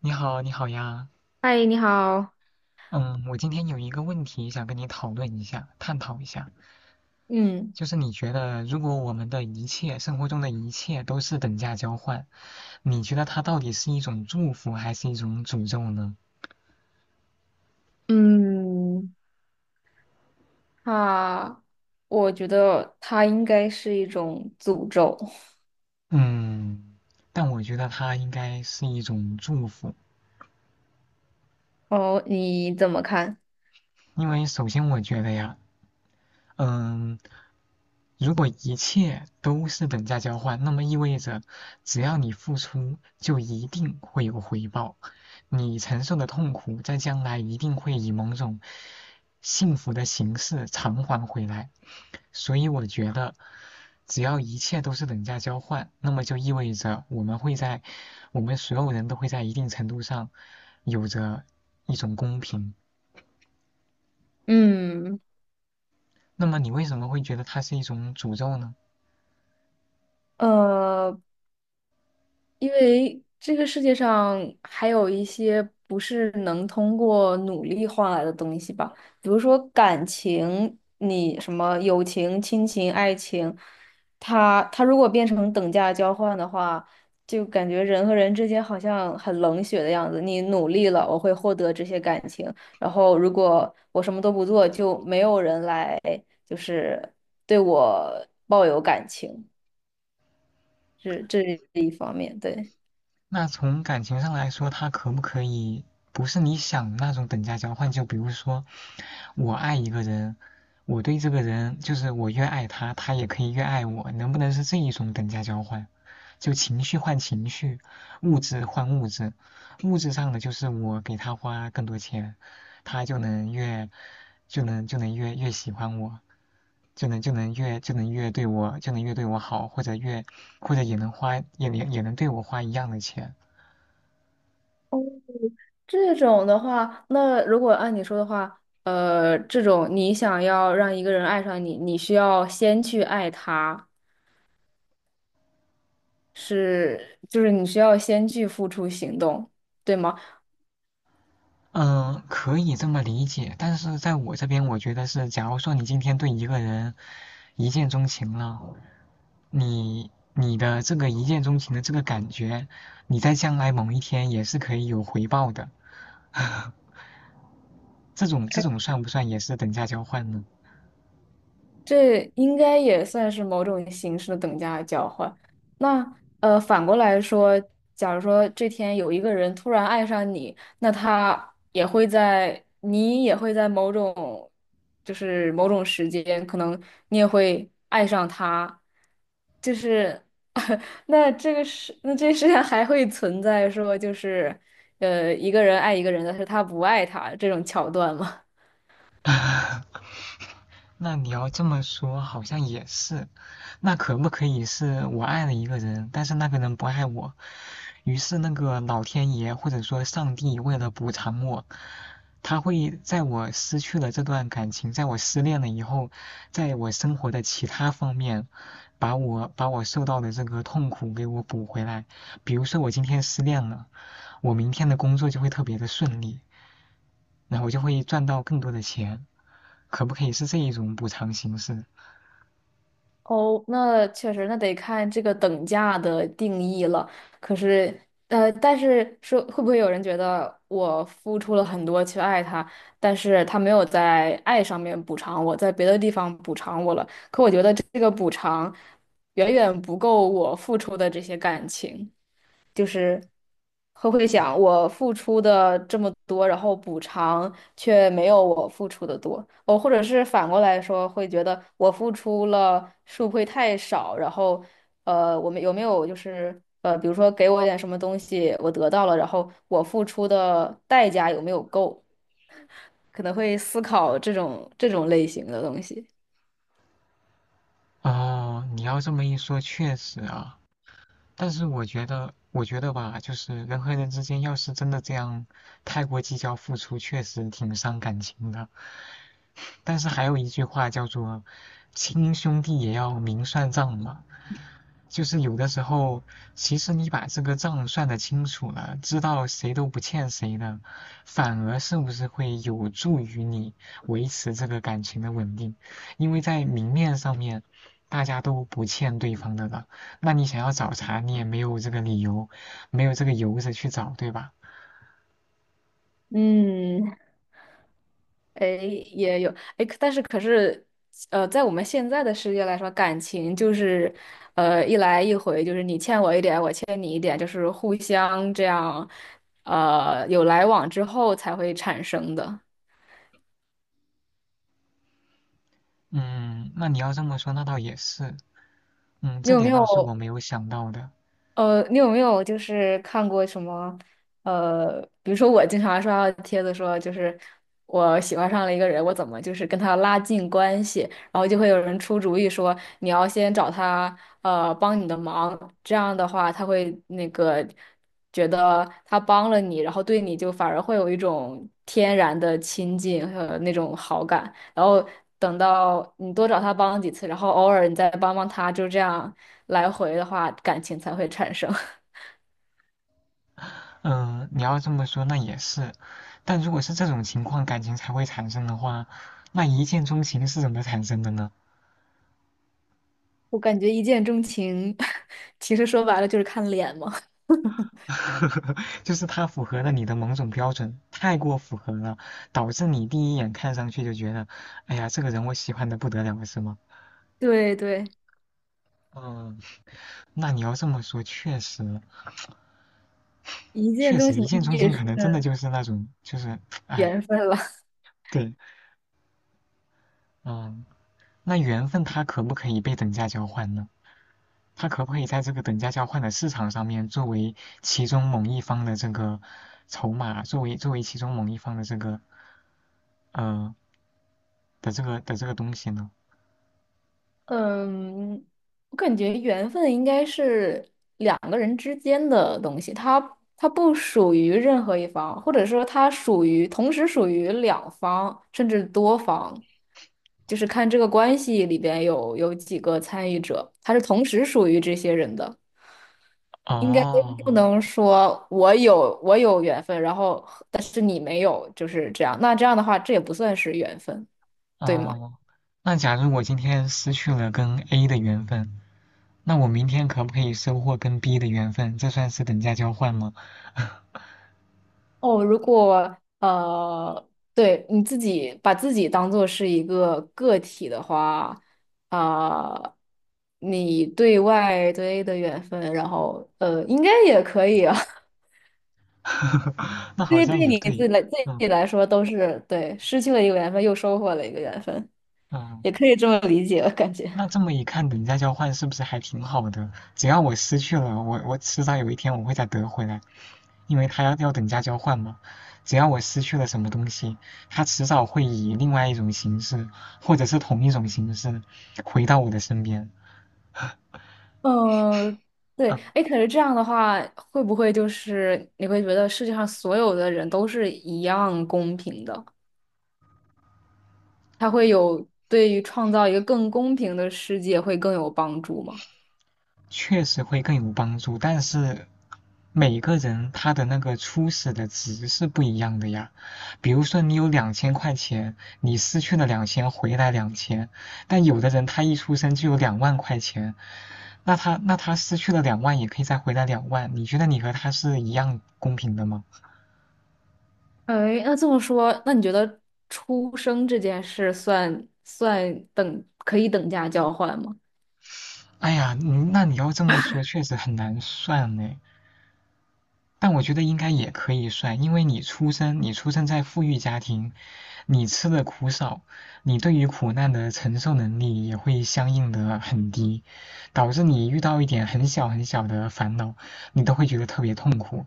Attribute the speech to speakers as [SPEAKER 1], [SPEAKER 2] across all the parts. [SPEAKER 1] 你好，你好呀。
[SPEAKER 2] 嗨，你好。
[SPEAKER 1] 嗯，我今天有一个问题想跟你讨论一下，探讨一下，
[SPEAKER 2] 嗯
[SPEAKER 1] 就是你觉得如果我们的一切，生活中的一切都是等价交换，你觉得它到底是一种祝福还是一种诅咒呢？
[SPEAKER 2] 嗯，他，我觉得它应该是一种诅咒。
[SPEAKER 1] 嗯，但我觉得它应该是一种祝福，
[SPEAKER 2] 哦，你怎么看？
[SPEAKER 1] 因为首先我觉得呀，嗯。如果一切都是等价交换，那么意味着只要你付出，就一定会有回报。你承受的痛苦，在将来一定会以某种幸福的形式偿还回来。所以我觉得，只要一切都是等价交换，那么就意味着我们会在，我们所有人都会在一定程度上有着一种公平。
[SPEAKER 2] 嗯，
[SPEAKER 1] 那么你为什么会觉得它是一种诅咒呢？
[SPEAKER 2] 呃，因为这个世界上还有一些不是能通过努力换来的东西吧，比如说感情，你什么友情、亲情、爱情，它如果变成等价交换的话，就感觉人和人之间好像很冷血的样子。你努力了，我会获得这些感情，然后如果我什么都不做，就没有人来就是对我抱有感情，这是一方面，对。
[SPEAKER 1] 那从感情上来说，他可不可以不是你想的那种等价交换？就比如说，我爱一个人，我对这个人就是我越爱他，他也可以越爱我，能不能是这一种等价交换？就情绪换情绪，物质换物质，物质上的就是我给他花更多钱，他就能越喜欢我。就能越对我好，或者越或者也能花也能也能对我花一样的钱。
[SPEAKER 2] 这种的话，那如果按你说的话，这种你想要让一个人爱上你，你需要先去爱他，是，就是你需要先去付出行动，对吗？
[SPEAKER 1] 嗯，可以这么理解，但是在我这边，我觉得是，假如说你今天对一个人一见钟情了，你的这个一见钟情的这个感觉，你在将来某一天也是可以有回报的，这种算不算也是等价交换呢？
[SPEAKER 2] 这应该也算是某种形式的等价交换。那反过来说，假如说这天有一个人突然爱上你，那他也会在，你也会在某种，就是某种时间，可能你也会爱上他，就是 那这世上还会存在说，就是一个人爱一个人，但是他不爱他这种桥段吗？
[SPEAKER 1] 那你要这么说，好像也是。那可不可以是我爱了一个人，但是那个人不爱我，于是那个老天爷或者说上帝为了补偿我，他会在我失去了这段感情，在我失恋了以后，在我生活的其他方面，把我受到的这个痛苦给我补回来。比如说我今天失恋了，我明天的工作就会特别的顺利，然后我就会赚到更多的钱。可不可以是这一种补偿形式？
[SPEAKER 2] 哦，那确实，那得看这个等价的定义了。可是，但是说会不会有人觉得我付出了很多去爱他，但是他没有在爱上面补偿我，在别的地方补偿我了，这个补偿远远不够我付出的这些感情。就是会想，我付出的这么多，然后补偿却没有我付出的多，哦，或者是反过来说，会觉得我付出了是不会太少，然后我们有没有比如说给我一点什么东西，我得到了，然后我付出的代价有没有够，可能会思考这种类型的东西。
[SPEAKER 1] 哦，你要这么一说，确实啊。但是我觉得吧，就是人和人之间要是真的这样太过计较付出，确实挺伤感情的。但是还有一句话叫做“亲兄弟也要明算账”嘛，就是有的时候，其实你把这个账算得清楚了，知道谁都不欠谁的，反而是不是会有助于你维持这个感情的稳定？因为在明面上面，大家都不欠对方的了，那你想要找茬，你也没有这个理由，没有这个由子去找，对吧？
[SPEAKER 2] 嗯，哎，也有哎，可是在我们现在的世界来说，感情就是，一来一回，就是你欠我一点，我欠你一点，就是互相这样，有来往之后才会产生的。
[SPEAKER 1] 嗯，那你要这么说，那倒也是，嗯，
[SPEAKER 2] 你
[SPEAKER 1] 这
[SPEAKER 2] 有没
[SPEAKER 1] 点倒是我
[SPEAKER 2] 有？
[SPEAKER 1] 没有想到的。
[SPEAKER 2] 你有没有就是看过什么？比如说我经常刷到帖子说，就是我喜欢上了一个人，我怎么就是跟他拉近关系，然后就会有人出主意说，你要先找他帮你的忙，这样的话他会那个觉得他帮了你，然后对你就反而会有一种天然的亲近和那种好感，然后等到你多找他帮几次，然后偶尔你再帮帮他，就这样。来回的话，感情才会产生。
[SPEAKER 1] 嗯，你要这么说那也是，但如果是这种情况感情才会产生的话，那一见钟情是怎么产生的呢？
[SPEAKER 2] 我感觉一见钟情，其实说白了就是看脸嘛。
[SPEAKER 1] 就是它符合了你的某种标准，太过符合了，导致你第一眼看上去就觉得，哎呀，这个人我喜欢的不得了，是吗？
[SPEAKER 2] 对对，
[SPEAKER 1] 嗯，那你要这么说，确实，
[SPEAKER 2] 一见
[SPEAKER 1] 确
[SPEAKER 2] 钟
[SPEAKER 1] 实
[SPEAKER 2] 情
[SPEAKER 1] 一见钟
[SPEAKER 2] 也
[SPEAKER 1] 情
[SPEAKER 2] 是
[SPEAKER 1] 可能真的
[SPEAKER 2] 嗯
[SPEAKER 1] 就是那种，就是，哎，
[SPEAKER 2] 缘分了。
[SPEAKER 1] 对，嗯，那缘分它可不可以被等价交换呢？他可不可以在这个等价交换的市场上面，作为其中某一方的这个筹码，作为其中某一方的这个呃东西呢？
[SPEAKER 2] 嗯，我感觉缘分应该是两个人之间的东西，它不属于任何一方，或者说它属于同时属于两方甚至多方，就是看这个关系里边有几个参与者，它是同时属于这些人的。应该不
[SPEAKER 1] 哦，
[SPEAKER 2] 能说我有缘分，然后但是你没有，就是这样。那这样的话，这也不算是缘分，对吗？
[SPEAKER 1] 哦，那假如我今天失去了跟 A 的缘分，那我明天可不可以收获跟 B 的缘分？这算是等价交换吗？
[SPEAKER 2] 哦，如果对你自己把自己当做是一个个体的话，啊、你对外对的缘分，然后应该也可以啊。
[SPEAKER 1] 那好
[SPEAKER 2] 对，
[SPEAKER 1] 像
[SPEAKER 2] 对
[SPEAKER 1] 也
[SPEAKER 2] 你自
[SPEAKER 1] 对，
[SPEAKER 2] 己来自
[SPEAKER 1] 嗯
[SPEAKER 2] 己来说都是对，失去了一个缘分，又收获了一个缘分，
[SPEAKER 1] 嗯。
[SPEAKER 2] 也可以这么理解，我感觉。
[SPEAKER 1] 那这么一看，等价交换是不是还挺好的？只要我失去了，我迟早有一天我会再得回来，因为他要等价交换嘛。只要我失去了什么东西，他迟早会以另外一种形式，或者是同一种形式回到我的身边。
[SPEAKER 2] 嗯，对，
[SPEAKER 1] 嗯，
[SPEAKER 2] 哎，可是这样的话，会不会就是你会觉得世界上所有的人都是一样公平的？它会有对于创造一个更公平的世界会更有帮助吗？
[SPEAKER 1] 确实会更有帮助，但是每个人他的那个初始的值是不一样的呀。比如说你有2000块钱，你失去了两千，回来两千，但有的人他一出生就有2万块钱，那他失去了两万也可以再回来两万，你觉得你和他是一样公平的吗？
[SPEAKER 2] 哎，那这么说，那你觉得出生这件事算可以等价交换吗？
[SPEAKER 1] 哎呀，那你要这么说，确实很难算呢。但我觉得应该也可以算，因为你出生在富裕家庭，你吃的苦少，你对于苦难的承受能力也会相应的很低，导致你遇到一点很小很小的烦恼，你都会觉得特别痛苦。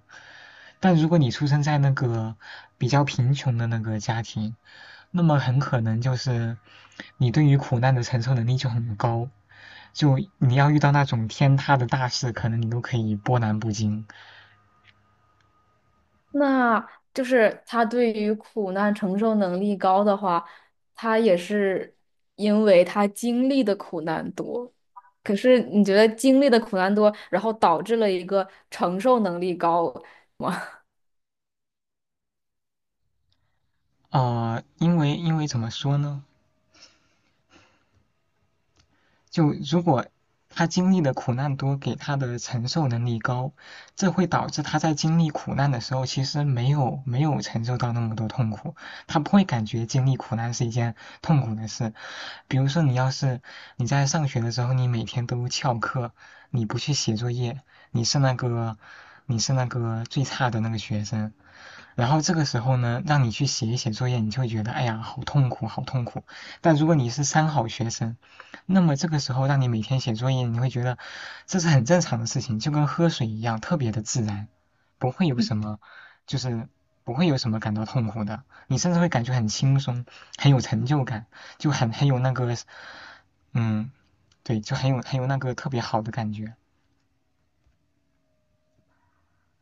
[SPEAKER 1] 但如果你出生在那个比较贫穷的那个家庭，那么很可能就是你对于苦难的承受能力就很高，就你要遇到那种天塌的大事，可能你都可以波澜不惊。
[SPEAKER 2] 那就是他对于苦难承受能力高的话，他也是因为他经历的苦难多。可是你觉得经历的苦难多，然后导致了一个承受能力高，
[SPEAKER 1] 因为怎么说呢？就如果他经历的苦难多，给他的承受能力高，这会导致他在经历苦难的时候，其实没有承受到那么多痛苦，他不会感觉经历苦难是一件痛苦的事。比如说，你要是你在上学的时候，你每天都翘课，你不去写作业，你是那个你是那个最差的那个学生，然后这个时候呢，让你去写一写作业，你就会觉得哎呀，好痛苦，好痛苦。但如果你是三好学生，那么这个时候让你每天写作业，你会觉得这是很正常的事情，就跟喝水一样，特别的自然，不会有什么，就是不会有什么感到痛苦的。你甚至会感觉很轻松，很有成就感，就很有那个，嗯，对，就很有那个特别好的感觉，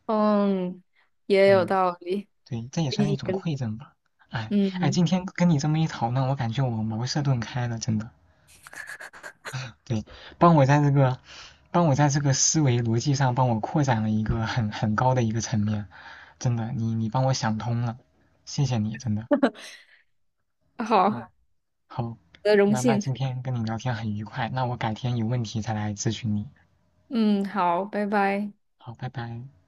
[SPEAKER 2] 嗯，也有
[SPEAKER 1] 嗯。
[SPEAKER 2] 道理。
[SPEAKER 1] 对，这也算一
[SPEAKER 2] 你
[SPEAKER 1] 种馈赠吧。哎哎，
[SPEAKER 2] 嗯，
[SPEAKER 1] 今天跟你这么一讨论，我感觉我茅塞顿开了，真的。对，帮我在这个，帮我在这个思维逻辑上帮我扩展了一个很高的一个层面，真的，你帮我想通了，谢谢你，真的。
[SPEAKER 2] 好，
[SPEAKER 1] 嗯，
[SPEAKER 2] 我
[SPEAKER 1] 好，
[SPEAKER 2] 的荣
[SPEAKER 1] 那
[SPEAKER 2] 幸。
[SPEAKER 1] 今天跟你聊天很愉快，那我改天有问题再来咨询你。
[SPEAKER 2] 嗯，好，拜拜。
[SPEAKER 1] 好，拜拜。